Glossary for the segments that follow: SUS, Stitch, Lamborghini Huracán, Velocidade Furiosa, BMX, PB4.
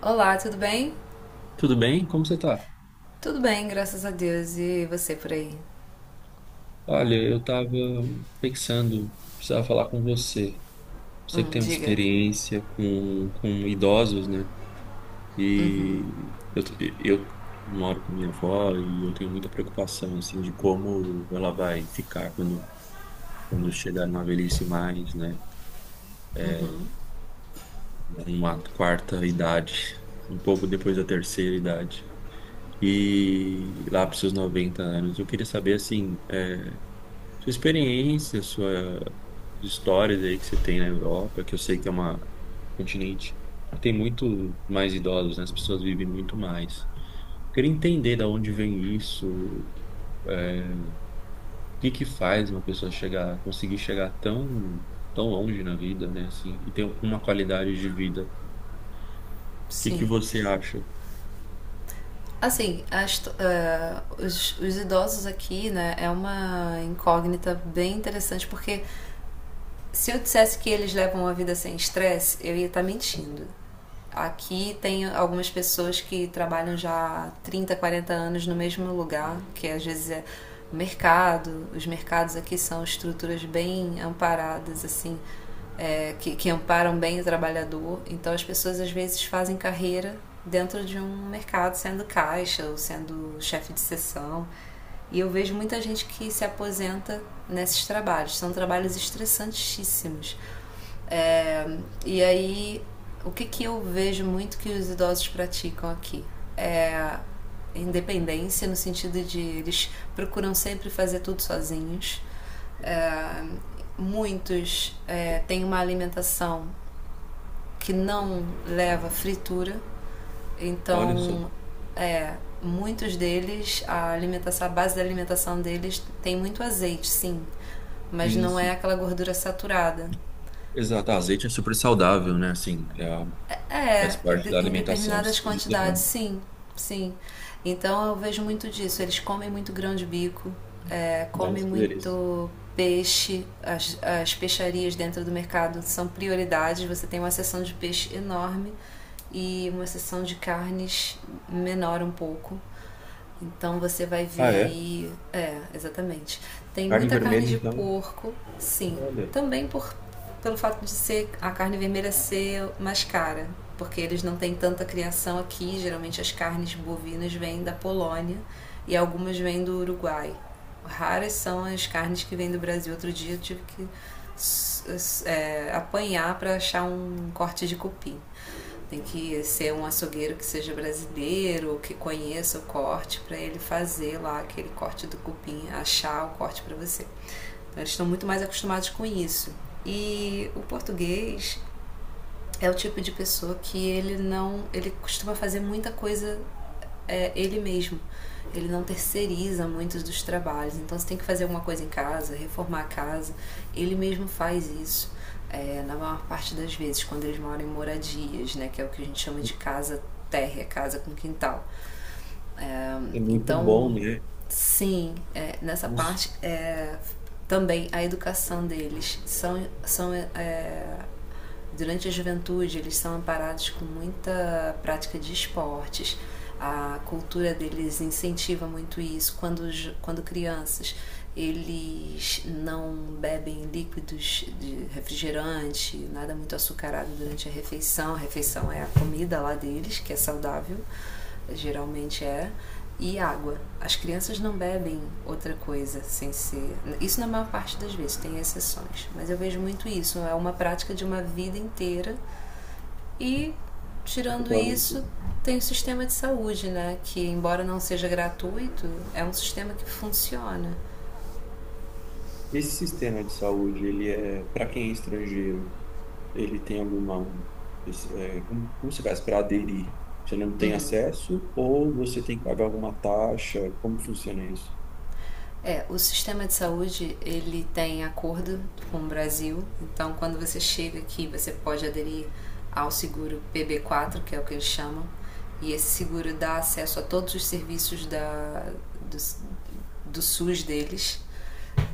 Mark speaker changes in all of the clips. Speaker 1: Olá, tudo bem?
Speaker 2: Tudo bem? Como você tá?
Speaker 1: Tudo bem, graças a Deus. E você por aí?
Speaker 2: Olha, eu tava pensando, precisava falar com você. Você que tem uma
Speaker 1: Diga.
Speaker 2: experiência com idosos, né? E eu, eu moro com minha avó e eu tenho muita preocupação, assim, de como ela vai ficar quando chegar numa velhice mais, né? Uma quarta idade, um pouco depois da terceira idade. E lá para os seus 90 anos, eu queria saber, assim, sua experiência, suas histórias aí que você tem na Europa, que eu sei que é uma um continente que tem muito mais idosos, né? As pessoas vivem muito mais. Queria entender da onde vem isso, o que que faz uma pessoa chegar, conseguir chegar tão longe na vida, né? Assim, e ter uma qualidade de vida. O que que
Speaker 1: Sim.
Speaker 2: você acha?
Speaker 1: Assim, as to- ah, os idosos aqui, né, é uma incógnita bem interessante porque se eu dissesse que eles levam uma vida sem estresse, eu ia estar mentindo. Aqui tem algumas pessoas que trabalham já há 30, 40 anos no mesmo lugar, que às vezes é o mercado. Os mercados aqui são estruturas bem amparadas, assim, que amparam bem o trabalhador. Então as pessoas às vezes fazem carreira dentro de um mercado, sendo caixa ou sendo chefe de seção, e eu vejo muita gente que se aposenta nesses trabalhos. São trabalhos estressantíssimos. É, e aí, o que eu vejo muito que os idosos praticam aqui? É independência, no sentido de eles procuram sempre fazer tudo sozinhos. É, muitos têm uma alimentação que não leva fritura.
Speaker 2: Olha só.
Speaker 1: Então, é, muitos deles, a base da alimentação deles tem muito azeite, sim, mas não é
Speaker 2: Isso.
Speaker 1: aquela gordura saturada.
Speaker 2: Exato. Ah, azeite é super saudável, né? Assim, é, faz
Speaker 1: É,
Speaker 2: parte da
Speaker 1: em
Speaker 2: alimentação
Speaker 1: determinadas quantidades,
Speaker 2: mediterrânea,
Speaker 1: sim, sim. Então eu vejo muito disso. Eles comem muito grão de bico,
Speaker 2: né?
Speaker 1: comem
Speaker 2: Poderia ser.
Speaker 1: muito peixe. As peixarias dentro do mercado são prioridades. Você tem uma seção de peixe enorme e uma seção de carnes menor um pouco. Então você vai
Speaker 2: Ah,
Speaker 1: ver
Speaker 2: é?
Speaker 1: aí. É, exatamente. Tem
Speaker 2: Carne
Speaker 1: muita carne
Speaker 2: vermelha,
Speaker 1: de
Speaker 2: então.
Speaker 1: porco, sim.
Speaker 2: Olha,
Speaker 1: Também pelo fato de ser a carne vermelha ser mais cara, porque eles não têm tanta criação aqui. Geralmente as carnes bovinas vêm da Polônia e algumas vêm do Uruguai. Raras são as carnes que vêm do Brasil. Outro dia eu tive que apanhar para achar um corte de cupim. Tem que ser um açougueiro que seja brasileiro, que conheça o corte, para ele fazer lá aquele corte do cupim, achar o corte para você. Então, eles estão muito mais acostumados com isso. E o português é o tipo de pessoa que, ele não, ele costuma fazer muita coisa é ele mesmo. Ele não terceiriza muitos dos trabalhos. Então, se tem que fazer alguma coisa em casa, reformar a casa, ele mesmo faz isso. Na maior parte das vezes, quando eles moram em moradias, né, que é o que a gente chama de casa térrea, casa com quintal. É,
Speaker 2: é muito
Speaker 1: então,
Speaker 2: bom, né?
Speaker 1: sim, é, nessa
Speaker 2: Nossa,
Speaker 1: parte, é, também a educação deles, são, durante a juventude, eles são amparados com muita prática de esportes. A cultura deles incentiva muito isso. Quando crianças, eles não bebem líquidos de refrigerante, nada muito açucarado durante a refeição. A refeição é a comida lá deles, que é saudável geralmente, e água. As crianças não bebem outra coisa sem ser. Isso na maior parte das vezes, tem exceções, mas eu vejo muito isso. É uma prática de uma vida inteira e,
Speaker 2: porque
Speaker 1: tirando
Speaker 2: olha,
Speaker 1: isso,
Speaker 2: esse
Speaker 1: tem o sistema de saúde, né? Que, embora não seja gratuito, é um sistema que funciona.
Speaker 2: esse sistema de saúde, ele é para quem é estrangeiro, ele tem alguma, é, como você faz para aderir? Você não tem acesso ou você tem que pagar alguma taxa? Como funciona isso?
Speaker 1: O sistema de saúde ele tem acordo com o Brasil, então quando você chega aqui você pode aderir ao seguro PB4, que é o que eles chamam, e esse seguro dá acesso a todos os serviços do, do SUS deles,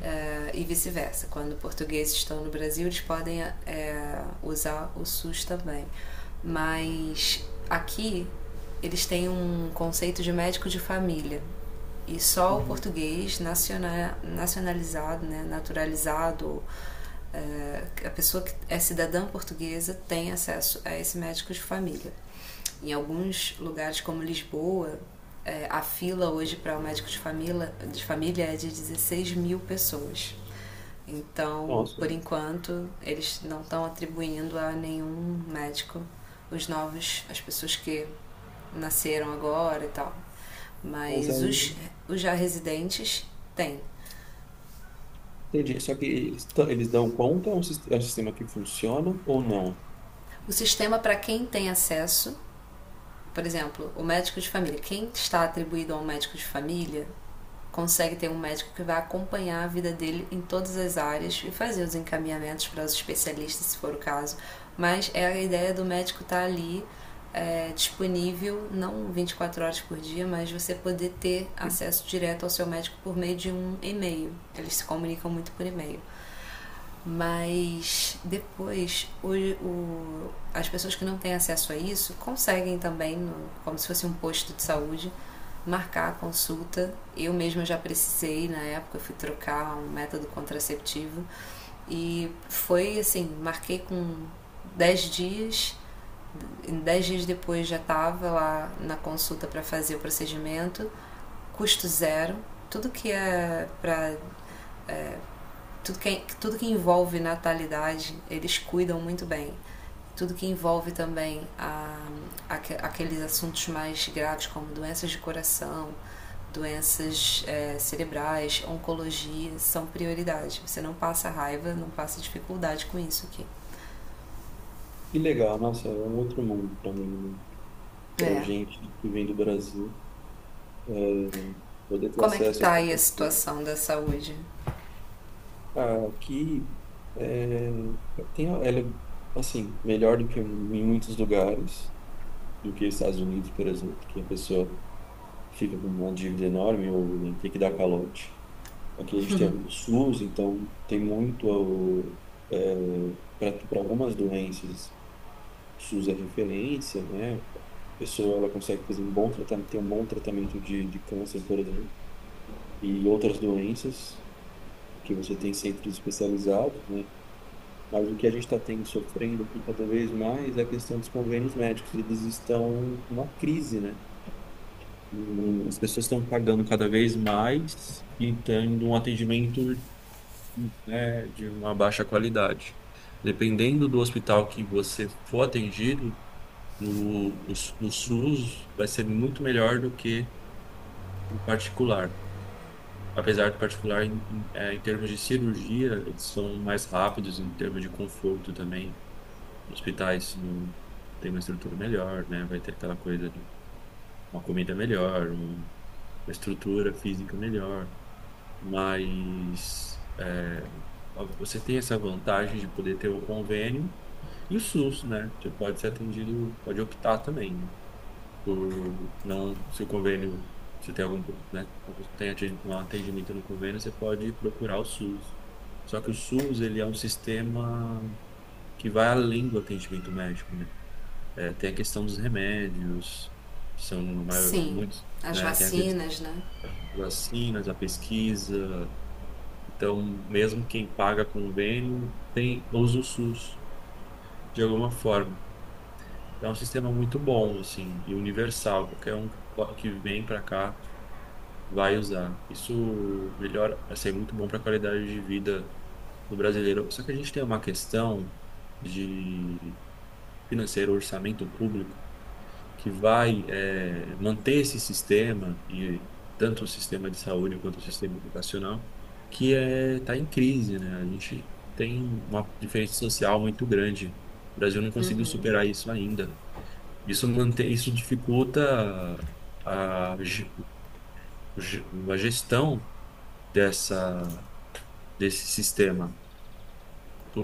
Speaker 1: e vice-versa. Quando portugueses estão no Brasil, eles podem usar o SUS também. Mas aqui eles têm um conceito de médico de família. E só o
Speaker 2: Uhum.
Speaker 1: português nacionalizado, né, naturalizado, a pessoa que é cidadã portuguesa tem acesso a esse médico de família. Em alguns lugares, como Lisboa, a fila hoje para o médico de família é de 16 mil pessoas. Então,
Speaker 2: Nossa,
Speaker 1: por enquanto, eles não estão atribuindo a nenhum médico os novos, as pessoas que nasceram agora e tal,
Speaker 2: mas
Speaker 1: mas
Speaker 2: aí
Speaker 1: os já residentes têm.
Speaker 2: entendi. Só que eles, eles dão conta, é um é um sistema que funciona ou não?
Speaker 1: O sistema para quem tem acesso, por exemplo, o médico de família, quem está atribuído a um médico de família, consegue ter um médico que vai acompanhar a vida dele em todas as áreas e fazer os encaminhamentos para os especialistas, se for o caso. Mas é a ideia do médico estar ali, disponível, não 24 horas por dia, mas você poder ter acesso direto ao seu médico por meio de um e-mail. Eles se comunicam muito por e-mail. Mas depois as pessoas que não têm acesso a isso conseguem também, como se fosse um posto de saúde, marcar a consulta. Eu mesma já precisei na época, eu fui trocar um método contraceptivo e foi assim, marquei com 10 dias, 10 dias depois já estava lá na consulta para fazer o procedimento, custo zero. Tudo que é para, é, tudo que envolve natalidade, eles cuidam muito bem. Tudo que envolve também, a, aqueles assuntos mais graves, como doenças de coração, doenças cerebrais, oncologia, são prioridade. Você não passa raiva, não passa dificuldade com isso aqui.
Speaker 2: Que legal, nossa, é um outro mundo para mim, para
Speaker 1: É.
Speaker 2: gente que vem do Brasil, né? Poder ter
Speaker 1: Como é que
Speaker 2: acesso a
Speaker 1: tá aí a
Speaker 2: tanta coisa.
Speaker 1: situação da saúde?
Speaker 2: Ah, aqui é, tem, ela é, assim, melhor do que em muitos lugares, do que Estados Unidos, por exemplo, que a pessoa fica com uma dívida enorme ou né, tem que dar calote. Aqui a gente tem o SUS, então tem muito, para algumas doenças, o SUS é referência, né? A pessoa ela consegue fazer um bom tratamento, tem um bom tratamento de câncer, por exemplo, e outras doenças, que você tem centros especializados, né? Mas o que a gente está tendo sofrendo aqui cada vez mais é a questão dos convênios médicos. Eles estão numa crise, né? As pessoas estão pagando cada vez mais e tendo um atendimento, né, de uma baixa qualidade. Dependendo do hospital que você for atendido, o SUS vai ser muito melhor do que o particular. Apesar do particular, em termos de cirurgia, eles são mais rápidos, em termos de conforto também hospitais não tem uma estrutura melhor, né? Vai ter aquela coisa de uma comida melhor, uma estrutura física melhor, mas é, você tem essa vantagem de poder ter um convênio e o SUS, né? Você pode ser atendido, pode optar também por não, se o convênio, se tem algum, né, se tem um atendimento no convênio, você pode procurar o SUS. Só que o SUS, ele é um sistema que vai além do atendimento médico, né? É, tem a questão dos remédios, que são
Speaker 1: Sim,
Speaker 2: muitos,
Speaker 1: as
Speaker 2: né? Tem a questão
Speaker 1: vacinas, né?
Speaker 2: das vacinas, a pesquisa. Então, mesmo quem paga convênio tem, usa o SUS de alguma forma. É um sistema muito bom, assim, e universal. Qualquer um que vem para cá vai usar. Isso melhora, assim, é muito bom para a qualidade de vida do brasileiro. Só que a gente tem uma questão de financeiro, orçamento público que vai manter esse sistema, e tanto o sistema de saúde quanto o sistema educacional, que está em crise, né? A gente tem uma diferença social muito grande. O Brasil não conseguiu
Speaker 1: Uhum,
Speaker 2: superar isso ainda. Isso mantém, isso dificulta a, a gestão dessa, desse sistema.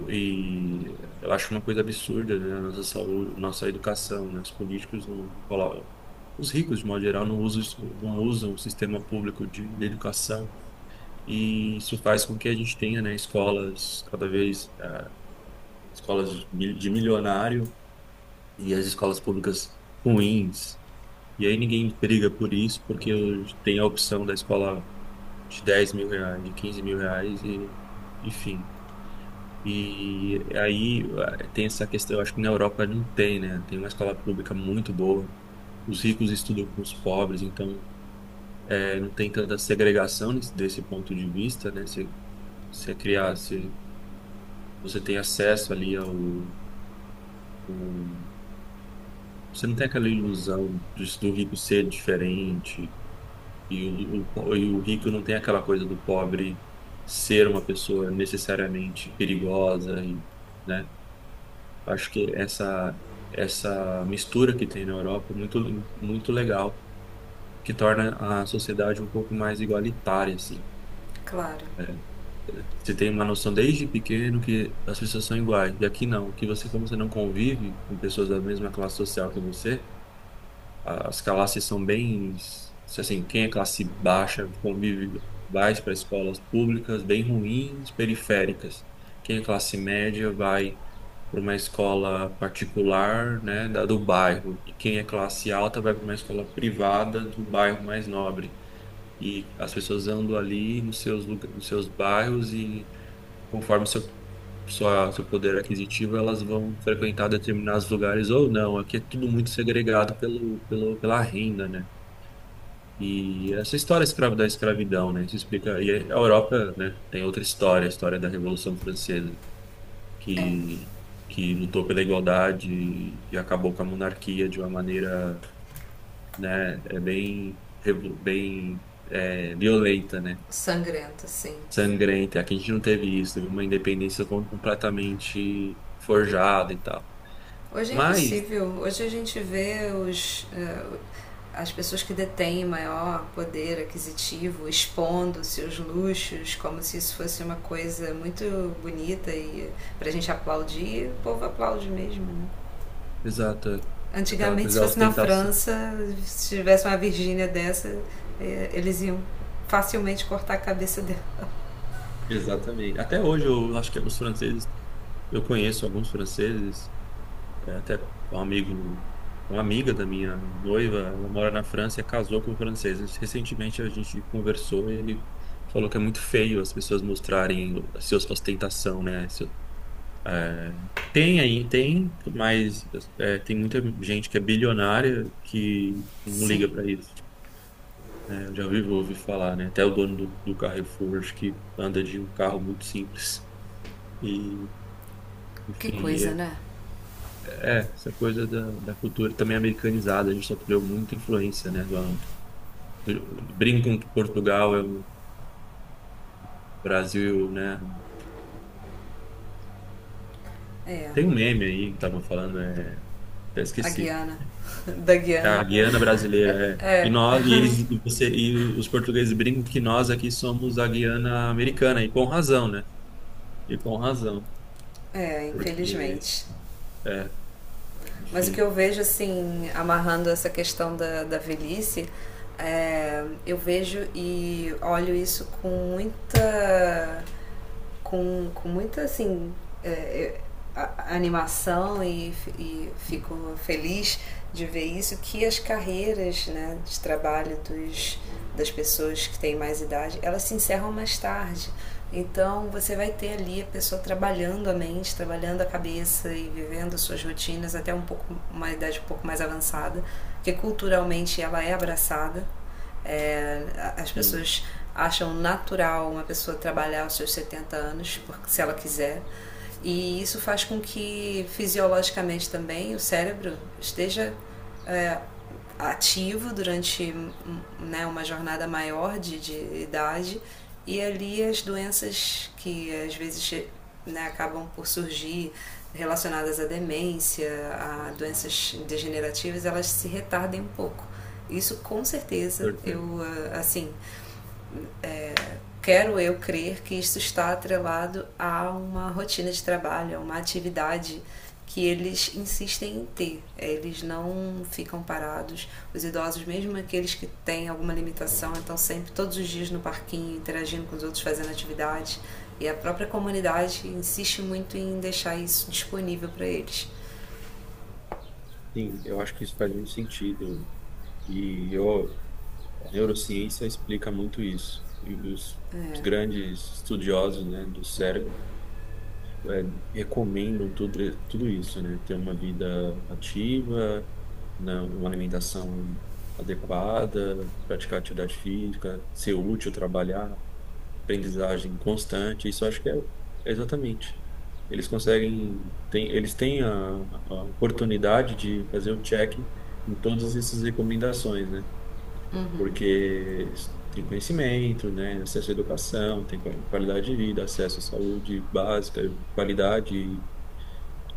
Speaker 2: E eu acho uma coisa absurda, né? A nossa saúde, nossa educação, né? Os políticos não colocam, os ricos, de modo geral, não usam o sistema público de educação. E isso faz com que a gente tenha, né, escolas cada vez, eh, escolas de milionário e as escolas públicas ruins. E aí ninguém briga por isso, porque tem a opção da escola de 10 mil reais, de 15 mil reais, e, enfim. E aí tem essa questão, eu acho que na Europa não tem, né? Tem uma escola pública muito boa. Os ricos estudam com os pobres, então não tem tanta segregação desse ponto de vista, né? Você, você criar, você, você tem acesso ali ao, ao- você não tem aquela ilusão do rico ser diferente e e o rico não tem aquela coisa do pobre ser uma pessoa necessariamente perigosa, e, né? Acho que essa mistura que tem na Europa é muito legal, que torna a sociedade um pouco mais igualitária assim.
Speaker 1: claro.
Speaker 2: Você tem uma noção desde pequeno que as pessoas são iguais. E aqui não, que você como você não convive com pessoas da mesma classe social que você. As classes são bem, assim, quem é classe baixa convive vai para escolas públicas bem ruins, periféricas. Quem é classe média vai para uma escola particular, né, da do bairro. E quem é classe alta vai para uma escola privada do bairro mais nobre. E as pessoas andam ali nos seus, nos seus bairros e conforme seu, sua, seu poder aquisitivo, elas vão frequentar determinados lugares ou não. Aqui é tudo muito segregado pela renda, né? E essa história escrava da escravidão, né? Isso explica. E a Europa, né, tem outra história, a história da Revolução Francesa,
Speaker 1: É,
Speaker 2: que, que lutou pela igualdade e acabou com a monarquia de uma maneira, né, é bem, bem é, violenta, né?
Speaker 1: sangrento, sim.
Speaker 2: Sangrenta. Aqui a gente não teve isso, teve uma independência completamente forjada e tal.
Speaker 1: Hoje é
Speaker 2: Mas,
Speaker 1: impossível. Hoje a gente vê as pessoas que detêm maior poder aquisitivo expondo seus luxos como se isso fosse uma coisa muito bonita e para a gente aplaudir, o povo aplaude mesmo. Né?
Speaker 2: exato, é. Aquela
Speaker 1: Antigamente,
Speaker 2: coisa
Speaker 1: se
Speaker 2: da
Speaker 1: fosse na
Speaker 2: ostentação.
Speaker 1: França, se tivesse uma Virgínia dessa, eles iam facilmente cortar a cabeça dela.
Speaker 2: Exatamente. Até hoje eu acho que os franceses, eu conheço alguns franceses, é, até um amigo, uma amiga da minha noiva, ela mora na França e casou com franceses. Recentemente a gente conversou e ele falou que é muito feio as pessoas mostrarem a sua ostentação, né? É, tem aí, tem, mas é, tem muita gente que é bilionária que não liga
Speaker 1: Sim,
Speaker 2: para isso. Né? Eu já ouvi, ouvi falar, né? Até o dono do Carrefour, acho que anda de um carro muito simples. E,
Speaker 1: que
Speaker 2: enfim,
Speaker 1: coisa, né?
Speaker 2: essa coisa da cultura também americanizada. A gente sofreu muita influência, né? Do, brincam que Portugal é o Brasil, né?
Speaker 1: É,
Speaker 2: Tem um meme aí que tava falando, é, até
Speaker 1: a
Speaker 2: esqueci.
Speaker 1: Guiana, da
Speaker 2: É
Speaker 1: Guiana.
Speaker 2: a Guiana brasileira, é. E
Speaker 1: É,
Speaker 2: nós, e eles, e você, e os portugueses brincam que nós aqui somos a Guiana americana, e com razão, né? E com razão,
Speaker 1: é,
Speaker 2: porque,
Speaker 1: infelizmente.
Speaker 2: é,
Speaker 1: Mas o que eu
Speaker 2: enfim,
Speaker 1: vejo, assim, amarrando essa questão da velhice, eu vejo e olho isso com muita assim, é, é, a animação e fico feliz de ver isso, que as carreiras, né, de trabalho das pessoas que têm mais idade, elas se encerram mais tarde. Então você vai ter ali a pessoa trabalhando a mente, trabalhando a cabeça e vivendo suas rotinas até um pouco uma idade um pouco mais avançada, porque culturalmente ela é abraçada. É, As
Speaker 2: enfim,
Speaker 1: pessoas acham natural uma pessoa trabalhar aos seus 70 anos, porque, se ela quiser. E isso faz com que fisiologicamente também o cérebro esteja, é, ativo durante né, uma jornada maior de idade, e ali as doenças que às vezes, né, acabam por surgir relacionadas à demência, a doenças degenerativas, elas se retardem um pouco. Isso com certeza,
Speaker 2: certeza.
Speaker 1: assim quero eu crer, que isso está atrelado a uma rotina de trabalho, a uma atividade que eles insistem em ter. Eles não ficam parados. Os idosos, mesmo aqueles que têm alguma limitação, estão sempre todos os dias no parquinho, interagindo com os outros, fazendo atividade. E a própria comunidade insiste muito em deixar isso disponível para eles.
Speaker 2: Sim, eu acho que isso faz muito sentido. E eu, a neurociência explica muito isso. E os grandes estudiosos, né, do cérebro é, recomendam tudo, é, tudo isso, né? Ter uma vida ativa, né? Uma alimentação adequada, praticar atividade física, ser útil, trabalhar, aprendizagem constante. Isso eu acho que é exatamente. Eles conseguem, tem, eles têm a oportunidade de fazer o check em todas essas recomendações, né? Porque tem conhecimento, né? Acesso à educação, tem qualidade de vida, acesso à saúde básica, qualidade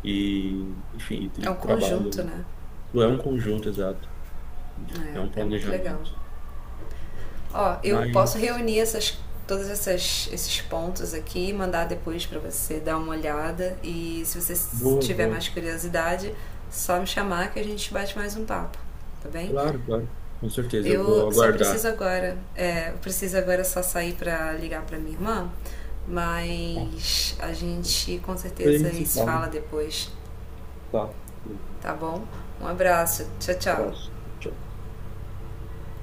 Speaker 2: e, enfim,
Speaker 1: É um
Speaker 2: e trabalho,
Speaker 1: conjunto,
Speaker 2: né?
Speaker 1: né?
Speaker 2: Não é um conjunto exato, é um
Speaker 1: É, é muito legal.
Speaker 2: planejamento.
Speaker 1: Ó, eu posso
Speaker 2: Mas,
Speaker 1: reunir esses pontos aqui, mandar depois pra você dar uma olhada. E se você
Speaker 2: boa,
Speaker 1: tiver
Speaker 2: boa.
Speaker 1: mais curiosidade, só me chamar que a gente bate mais um papo, tá bem?
Speaker 2: Claro, claro. Com certeza, eu vou
Speaker 1: Eu só preciso
Speaker 2: aguardar.
Speaker 1: agora, é, eu preciso agora só sair pra ligar pra minha irmã,
Speaker 2: Tá.
Speaker 1: mas a gente com
Speaker 2: Depois a
Speaker 1: certeza
Speaker 2: gente se
Speaker 1: se
Speaker 2: fala.
Speaker 1: fala depois,
Speaker 2: Tá.
Speaker 1: tá bom? Um abraço, tchau,
Speaker 2: Abraço.
Speaker 1: tchau.
Speaker 2: Tchau.